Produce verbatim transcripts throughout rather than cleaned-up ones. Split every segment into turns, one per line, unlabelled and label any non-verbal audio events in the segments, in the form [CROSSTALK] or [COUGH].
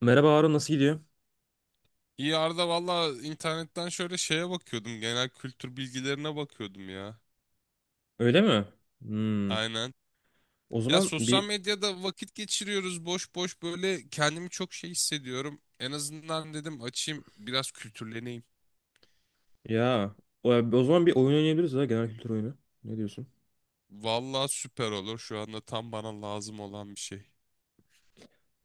Merhaba Harun, nasıl gidiyor?
İyi Arda valla internetten şöyle şeye bakıyordum. Genel kültür bilgilerine bakıyordum ya.
Öyle mi? Hmm.
Aynen.
O
Ya
zaman
sosyal
bir
medyada vakit geçiriyoruz boş boş böyle kendimi çok şey hissediyorum. En azından dedim açayım biraz kültürleneyim.
ya o, o zaman bir oyun oynayabiliriz ya, genel kültür oyunu. Ne diyorsun?
Valla süper olur, şu anda tam bana lazım olan bir şey.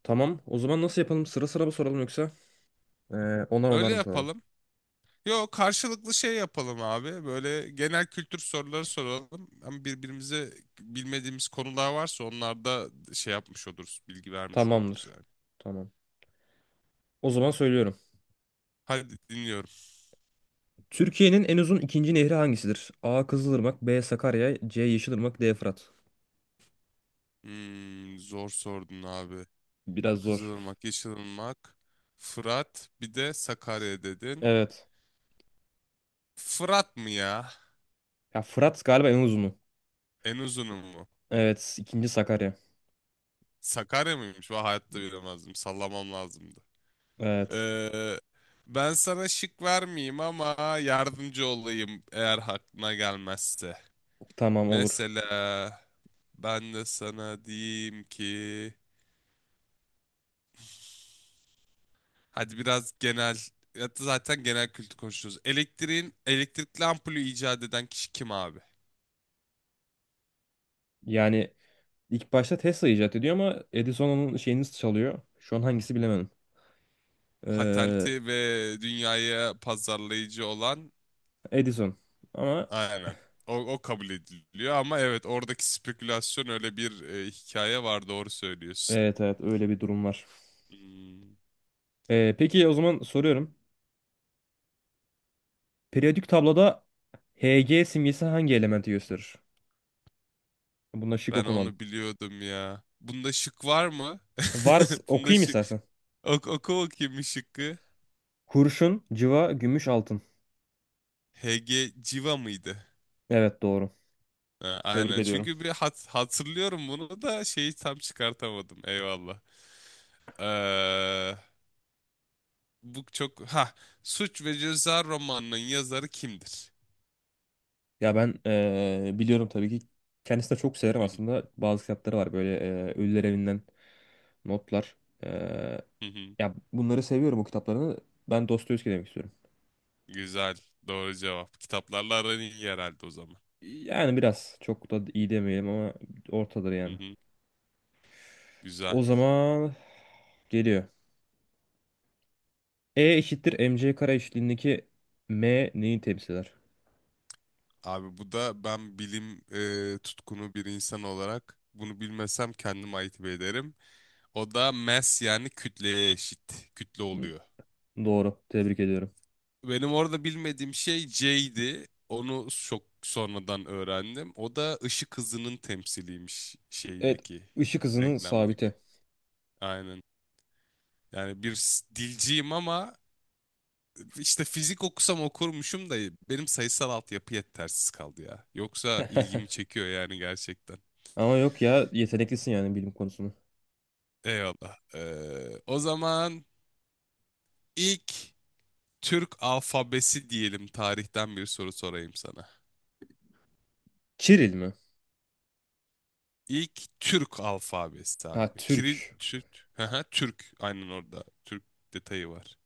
Tamam. O zaman nasıl yapalım? Sıra sıra mı soralım, yoksa e, onar onar
Öyle
mı soralım?
yapalım. Yo karşılıklı şey yapalım abi. Böyle genel kültür soruları soralım. Ama birbirimize bilmediğimiz konular varsa onlar da şey yapmış oluruz. Bilgi vermiş oluruz
Tamamdır.
yani.
Tamam. O zaman söylüyorum.
Hadi dinliyorum.
Türkiye'nin en uzun ikinci nehri hangisidir? A. Kızılırmak, B. Sakarya, C. Yeşilırmak, D. Fırat.
Hmm, zor sordun abi.
Biraz zor.
Kızılırmak, Yeşilırmak, Fırat, bir de Sakarya dedin.
Evet.
Fırat mı ya?
Ya Fırat galiba en uzunu.
En uzunu mu?
Evet, ikinci Sakarya.
Sakarya mıymış? Ben hayatta bilemezdim. Sallamam lazımdı.
Evet.
Ee, Ben sana şık vermeyeyim ama yardımcı olayım eğer aklına gelmezse.
Tamam, olur.
Mesela ben de sana diyeyim ki... Hadi biraz genel... ya da zaten genel kültür konuşuyoruz. Elektriğin, elektrikli ampulü icat eden kişi kim abi?
Yani İlk başta Tesla icat ediyor ama Edison onun şeyini çalıyor. Şu an hangisi bilemedim. Ee,
Patenti ve dünyaya pazarlayıcı olan,
Edison. Ama
aynen. O, o kabul ediliyor ama evet, oradaki spekülasyon öyle bir e, hikaye var, doğru söylüyorsun.
evet, evet, öyle bir durum var.
Hmm,
Ee, peki, o zaman soruyorum. Periyodik tabloda Hg simgesi hangi elementi gösterir? Bunda şık
ben
okumadım.
onu biliyordum ya. Bunda şık var mı? [LAUGHS]
Vars
Bunda
okuyayım
şık.
istersen.
Ok oku bakayım bir şıkkı.
Kurşun, cıva, gümüş, altın.
H G civa mıydı?
Evet, doğru.
Ha,
Tebrik
aynen.
ediyorum.
Çünkü bir hat hatırlıyorum bunu da şeyi tam çıkartamadım. Eyvallah. Ee, bu çok ha Suç ve Ceza romanının yazarı kimdir?
Ya ben ee, biliyorum tabii ki. Kendisini de çok severim
Hı hı,
aslında. Bazı kitapları var böyle, ee, Ölüler Evinden. Notlar. Ee,
hı hı.
ya bunları seviyorum, o kitaplarını. Ben Dostoyevski demek istiyorum.
Güzel. Doğru cevap. Kitaplarla aran iyi herhalde o zaman.
Yani biraz, çok da iyi demeyelim ama ortadır
Hı
yani.
hı. Güzel.
O zaman geliyor. E eşittir mc kare eşitliğindeki m neyi temsil eder?
Abi bu da, ben bilim e, tutkunu bir insan olarak bunu bilmesem kendim ayıp ederim. O da mass, yani kütleye eşit. Kütle
Hı,
oluyor.
doğru. Tebrik ediyorum.
Benim orada bilmediğim şey J'di. Onu çok sonradan öğrendim. O da ışık hızının temsiliymiş
Evet.
şeydeki,
Işık hızının
denklemdeki.
sabiti.
Aynen. Yani bir s- dilciyim ama İşte fizik okusam okurmuşum da benim sayısal altyapı yetersiz kaldı ya. Yoksa ilgimi
[LAUGHS]
çekiyor yani, gerçekten.
Ama yok ya, yeteneklisin yani bilim konusunu.
Eyvallah. Ee, o zaman ilk Türk alfabesi diyelim, tarihten bir soru sorayım sana.
Çiril mi?
İlk Türk alfabesi
Ha,
abi. Kiril
Türk.
Türk. Hı hı, Türk. Aynen orada. Türk detayı var.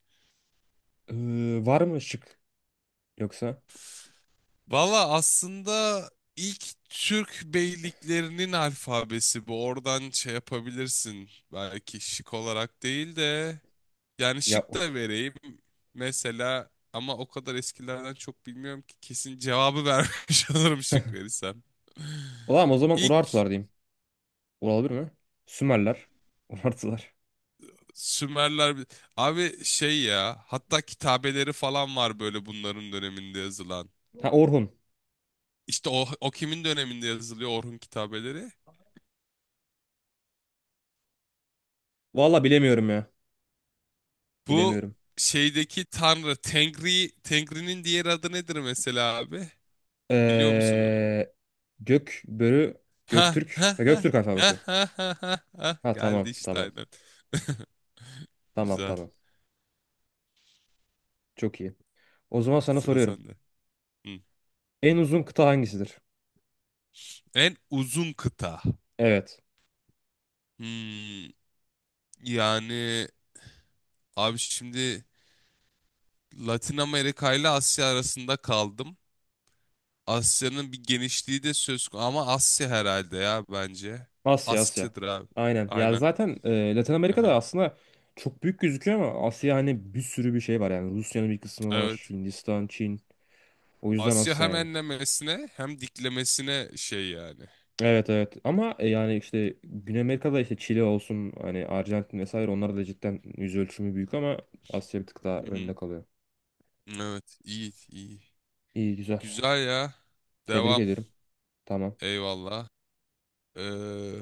Ee, var mı şık, yoksa?
Valla aslında ilk Türk beyliklerinin alfabesi bu. Oradan şey yapabilirsin. Belki şık olarak değil de, yani
Ya
şık da vereyim. Mesela, ama o kadar eskilerden çok bilmiyorum ki kesin cevabı [LAUGHS] vermiş olurum şık verirsem.
ulan, o zaman
İlk
Urartular diyeyim. Olabilir mi? Sümerler. [LAUGHS] Urartular.
Sümerler abi, şey ya, hatta kitabeleri falan var böyle bunların döneminde yazılan.
Ha, Orhun.
İşte o, o kimin döneminde yazılıyor Orhun kitabeleri?
Valla bilemiyorum ya.
Bu
Bilemiyorum.
şeydeki tanrı Tengri Tengri'nin diğer adı nedir mesela abi? Biliyor musun onu?
Ee, Gök börü.
Ha ha
Göktürk. Ha,
ha
Göktürk
ha
alfabesi.
ha ha ha ha.
Ha, tamam
Geldi işte,
tamam.
aynen. [LAUGHS]
Tamam
Güzel.
tamam. Çok iyi. O zaman sana
Sıra
soruyorum.
sende. Hı.
En uzun kıta hangisidir?
En uzun kıta.
Evet.
Hmm, yani abi şimdi Latin Amerika ile Asya arasında kaldım. Asya'nın bir genişliği de söz konusu ama Asya herhalde ya, bence.
Asya, Asya.
Asya'dır abi.
Aynen. Ya
Aynen.
zaten e, Latin Amerika'da
Aha.
aslında çok büyük gözüküyor ama Asya, hani bir sürü bir şey var yani. Rusya'nın bir kısmı var.
Evet.
Hindistan, Çin. O yüzden
Asya
Asya
hem
yani.
enlemesine hem diklemesine şey yani.
Evet, evet, ama e, yani işte Güney Amerika'da, işte Çili olsun, hani Arjantin vesaire, onlar da cidden yüz ölçümü büyük ama Asya bir tık daha
Hı hı.
önde kalıyor.
Evet, iyi, iyi.
İyi, güzel.
Güzel ya.
Tebrik
Devam.
ederim. Tamam.
Eyvallah. Ee,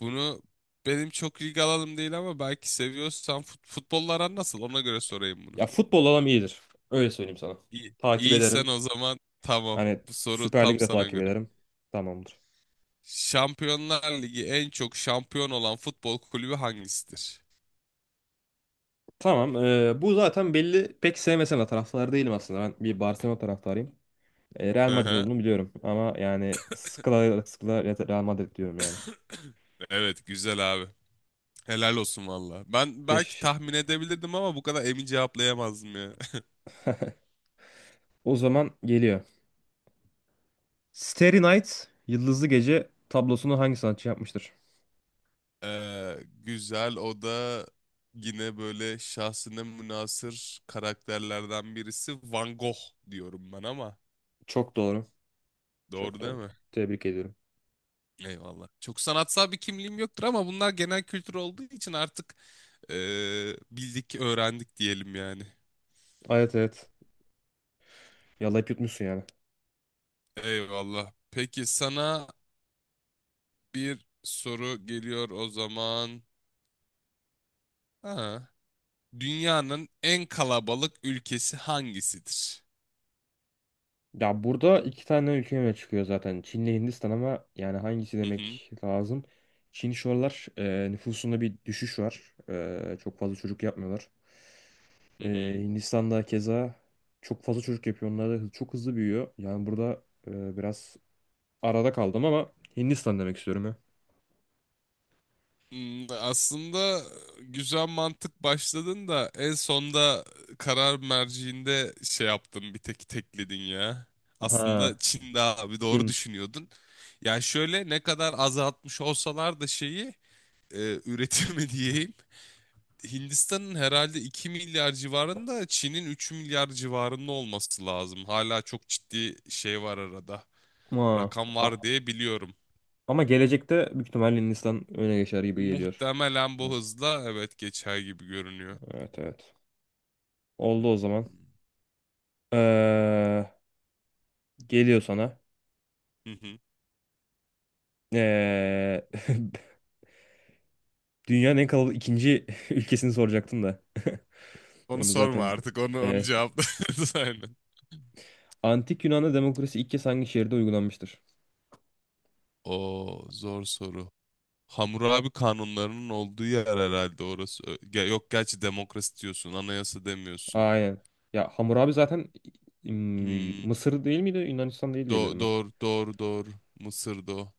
Bunu benim çok ilgi alanım değil ama belki seviyorsan fut futbolla aran nasıl? Ona göre sorayım bunu.
Ya futbol alam iyidir. Öyle söyleyeyim sana.
İyi.
Takip
İyiysen
ederim.
o zaman tamam.
Hani
Bu soru
Süper Lig'i
tam
de
sana
takip
göre.
ederim. Tamamdır.
Şampiyonlar Ligi en çok şampiyon olan futbol kulübü hangisidir?
Tamam. E, bu zaten belli. Pek sevmesen de, taraftar değilim aslında. Ben bir Barcelona taraftarıyım. E, Real
Hı
Madrid
hı.
olduğunu biliyorum. Ama yani sıkıla sıkıla Real Madrid diyorum yani.
Evet, güzel abi. Helal olsun valla. Ben belki
Teşekkür.
tahmin edebilirdim ama bu kadar emin cevaplayamazdım ya. [LAUGHS]
O zaman geliyor. Starry Night, Yıldızlı Gece tablosunu hangi sanatçı yapmıştır?
Ee, Güzel, o da yine böyle şahsına münhasır karakterlerden birisi, Van Gogh diyorum ben ama.
Çok doğru. Çok
Doğru değil
doğru.
mi?
Tebrik ediyorum.
Eyvallah. Çok sanatsal bir kimliğim yoktur ama bunlar genel kültür olduğu için artık eee, bildik, öğrendik diyelim yani.
Evet, evet. Yalayıp yutmuşsun yani.
Eyvallah. Peki sana bir soru geliyor o zaman. Ha. Dünyanın en kalabalık ülkesi hangisidir?
Ya burada iki tane ülke öne çıkıyor zaten. Çin'le Hindistan, ama yani hangisi
Hı hı.
demek lazım? Çin şu aralar, e, nüfusunda bir düşüş var. E, çok fazla çocuk yapmıyorlar.
Hı
E,
hı.
Hindistan'da keza çok fazla çocuk yapıyor. Onlar da hı- çok hızlı büyüyor. Yani burada e, biraz arada kaldım ama Hindistan demek istiyorum ya.
Hmm, aslında güzel mantık başladın da en sonda karar merciinde şey yaptın, bir tek tekledin ya. Aslında
Ha,
Çin'de abi, doğru
Çin.
düşünüyordun. Yani şöyle, ne kadar azaltmış olsalar da şeyi e, üretimi [LAUGHS] diyeyim. Hindistan'ın herhalde iki milyar civarında, Çin'in üç milyar civarında olması lazım. Hala çok ciddi şey var arada.
Ma.
Rakam var diye biliyorum.
Ama gelecekte büyük ihtimalle Hindistan öne geçer gibi geliyor.
Muhtemelen bu
Evet.
hızla evet geçer gibi görünüyor.
Evet, evet. Oldu o zaman.
Hmm.
Ee, geliyor sana.
Hı hı.
Ee, [LAUGHS] Dünyanın en kalabalık ikinci [LAUGHS] ülkesini soracaktım da. [LAUGHS]
Onu
Onu
sorma
zaten...
artık. Onu onu
Evet.
cevapla. [LAUGHS] Aynen.
Antik Yunan'da demokrasi ilk kez hangi şehirde uygulanmıştır?
O zor soru. Hammurabi kanunlarının olduğu yer herhalde orası. Ö- ge- Yok gerçi demokrasi diyorsun, anayasa demiyorsun.
Aynen. Ya Hammurabi zaten, mm,
Hmm.
Mısır değil miydi? Yunanistan değil
Do
diyebilirim ben.
doğru, doğru, doğru. Mısır'da o.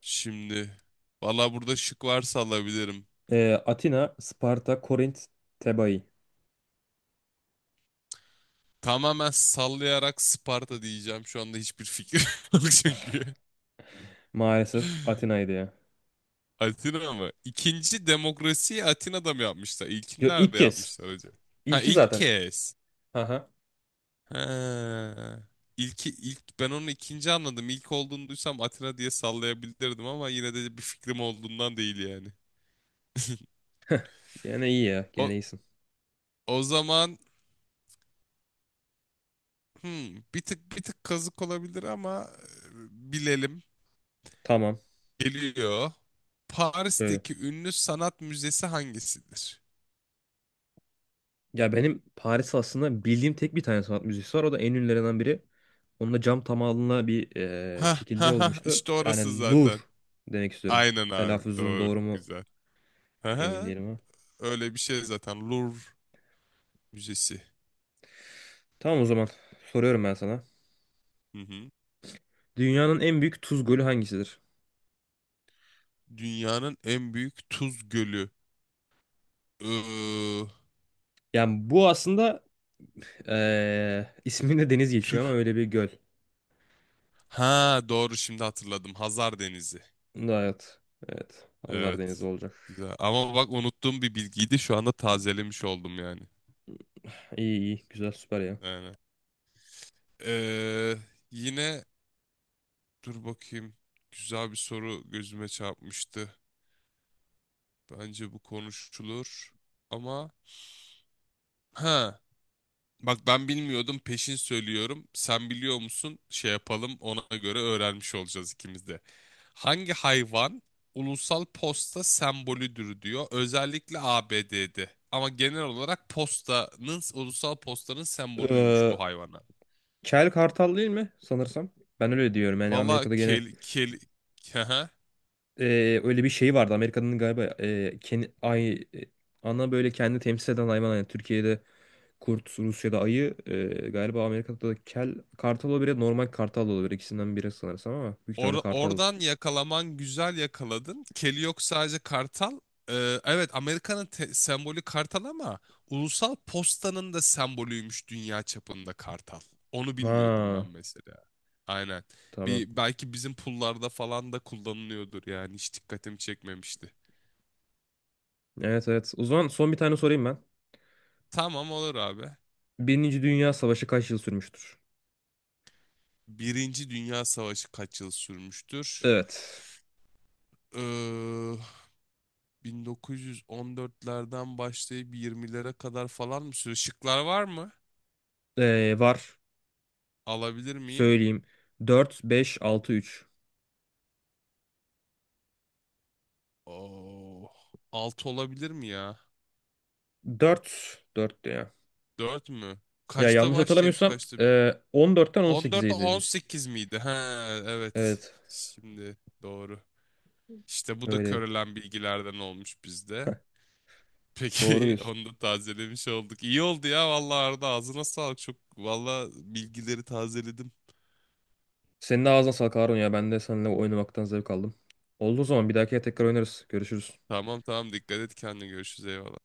Şimdi. Valla burada şık varsa alabilirim.
Ee, Atina, Sparta, Korint, Tebai.
Tamamen sallayarak Sparta diyeceğim. Şu anda hiçbir fikrim [LAUGHS] yok çünkü.
Maalesef Atina'ydı ya.
Atina mı? İkinci demokrasiyi Atina'da mı yapmışlar? İlkini
Yo, ilk
nerede
kez.
yapmışlar acaba? Ha,
İlki
ilk
zaten.
kez.
Aha.
He. İlki, ilk ben onu ikinci anladım. İlk olduğunu duysam Atina diye sallayabilirdim ama yine de bir fikrim olduğundan değil yani.
Gene iyi ya.
O
Gene iyisin.
o zaman hmm, bir tık bir tık kazık olabilir ama e, bilelim.
Tamam.
Geliyor.
Böyle.
Paris'teki ünlü sanat müzesi hangisidir?
Ya benim Paris aslında bildiğim tek bir tane sanat müzesi var. O da en ünlülerinden biri. Onun da cam tamamına bir eee,
Ha
şekilde
ha ha,
olmuştu.
işte orası
Yani Louvre
zaten.
demek istiyorum.
Aynen abi,
Telaffuzum
doğru,
doğru mu?
güzel. Ha
Emin
ha,
değilim ama.
öyle bir şey zaten, Louvre Müzesi.
Tamam, o zaman. Soruyorum ben sana.
Hı hı.
Dünyanın en büyük tuz gölü hangisidir?
Dünyanın en büyük tuz gölü. Iıı,
Yani bu aslında eee isminde deniz geçiyor ama
Tür.
öyle bir göl.
Ha doğru, şimdi hatırladım. Hazar Denizi.
Evet. Evet. Hazar Denizi
Evet.
olacak.
Güzel. Ama bak, unuttuğum bir bilgiydi. Şu anda tazelemiş oldum yani.
İyi, iyi. Güzel, süper ya.
Aynen. Ee, Yine dur bakayım. Güzel bir soru gözüme çarpmıştı. Bence bu konuşulur. Ama ha Bak ben bilmiyordum, peşin söylüyorum. Sen biliyor musun? Şey yapalım, ona göre öğrenmiş olacağız ikimiz de. Hangi hayvan ulusal posta sembolüdür diyor. Özellikle A B D'de. Ama genel olarak postanın, ulusal postanın sembolüymüş
Ee,
bu hayvana.
Kel Kartal değil mi sanırsam? Ben öyle diyorum. Yani
Valla
Amerika'da gene,
kel, kel, [LAUGHS]
e, öyle bir şey vardı. Amerika'nın galiba, e, kendi, ay, e, ana böyle kendi temsil eden hayvan. Yani Türkiye'de kurt, Rusya'da ayı. E, galiba Amerika'da da kel kartal olabilir. Normal kartal olabilir. İkisinden biri sanırsam ama büyük ihtimalle
Or-
kartal.
oradan yakalaman, güzel yakaladın. Keli yok, sadece kartal. Ee, evet, Amerika'nın te- sembolü kartal ama ulusal postanın da sembolüymüş dünya çapında, kartal. Onu bilmiyordum ben
Ha,
mesela. Aynen.
tamam.
Bir, belki bizim pullarda falan da kullanılıyordur yani, hiç dikkatimi çekmemişti.
Evet, evet. O zaman son bir tane sorayım ben.
Tamam olur abi.
Birinci Dünya Savaşı kaç yıl sürmüştür?
Birinci Dünya Savaşı kaç yıl sürmüştür?
Evet.
Ee, bin dokuz yüz on dörtlerden başlayıp yirmilere kadar falan mı sürüyor? Şıklar var mı?
Ee, var.
Alabilir miyim?
Söyleyeyim. Dört, beş, altı, üç.
Oh. altı olabilir mi ya?
Dört, dört ya.
Dört mü?
Ya
Kaçta
yanlış
başlayıp
hatırlamıyorsam,
kaçta?
e, on
On dörtte
18'e
on
dedi.
sekiz miydi? He, evet.
Evet.
Şimdi doğru. İşte bu da
Öyle.
körelen bilgilerden olmuş bizde.
Doğru
Peki [LAUGHS]
diyorsun.
onu da tazelemiş olduk. İyi oldu ya vallahi Arda, ağzına sağlık. Çok vallahi, bilgileri tazeledim.
Senin de ağzına sağlık Harun ya. Ben de seninle oynamaktan zevk aldım. Olduğu zaman bir dahakiye tekrar oynarız. Görüşürüz.
Tamam tamam, dikkat et kendine, görüşürüz, eyvallah.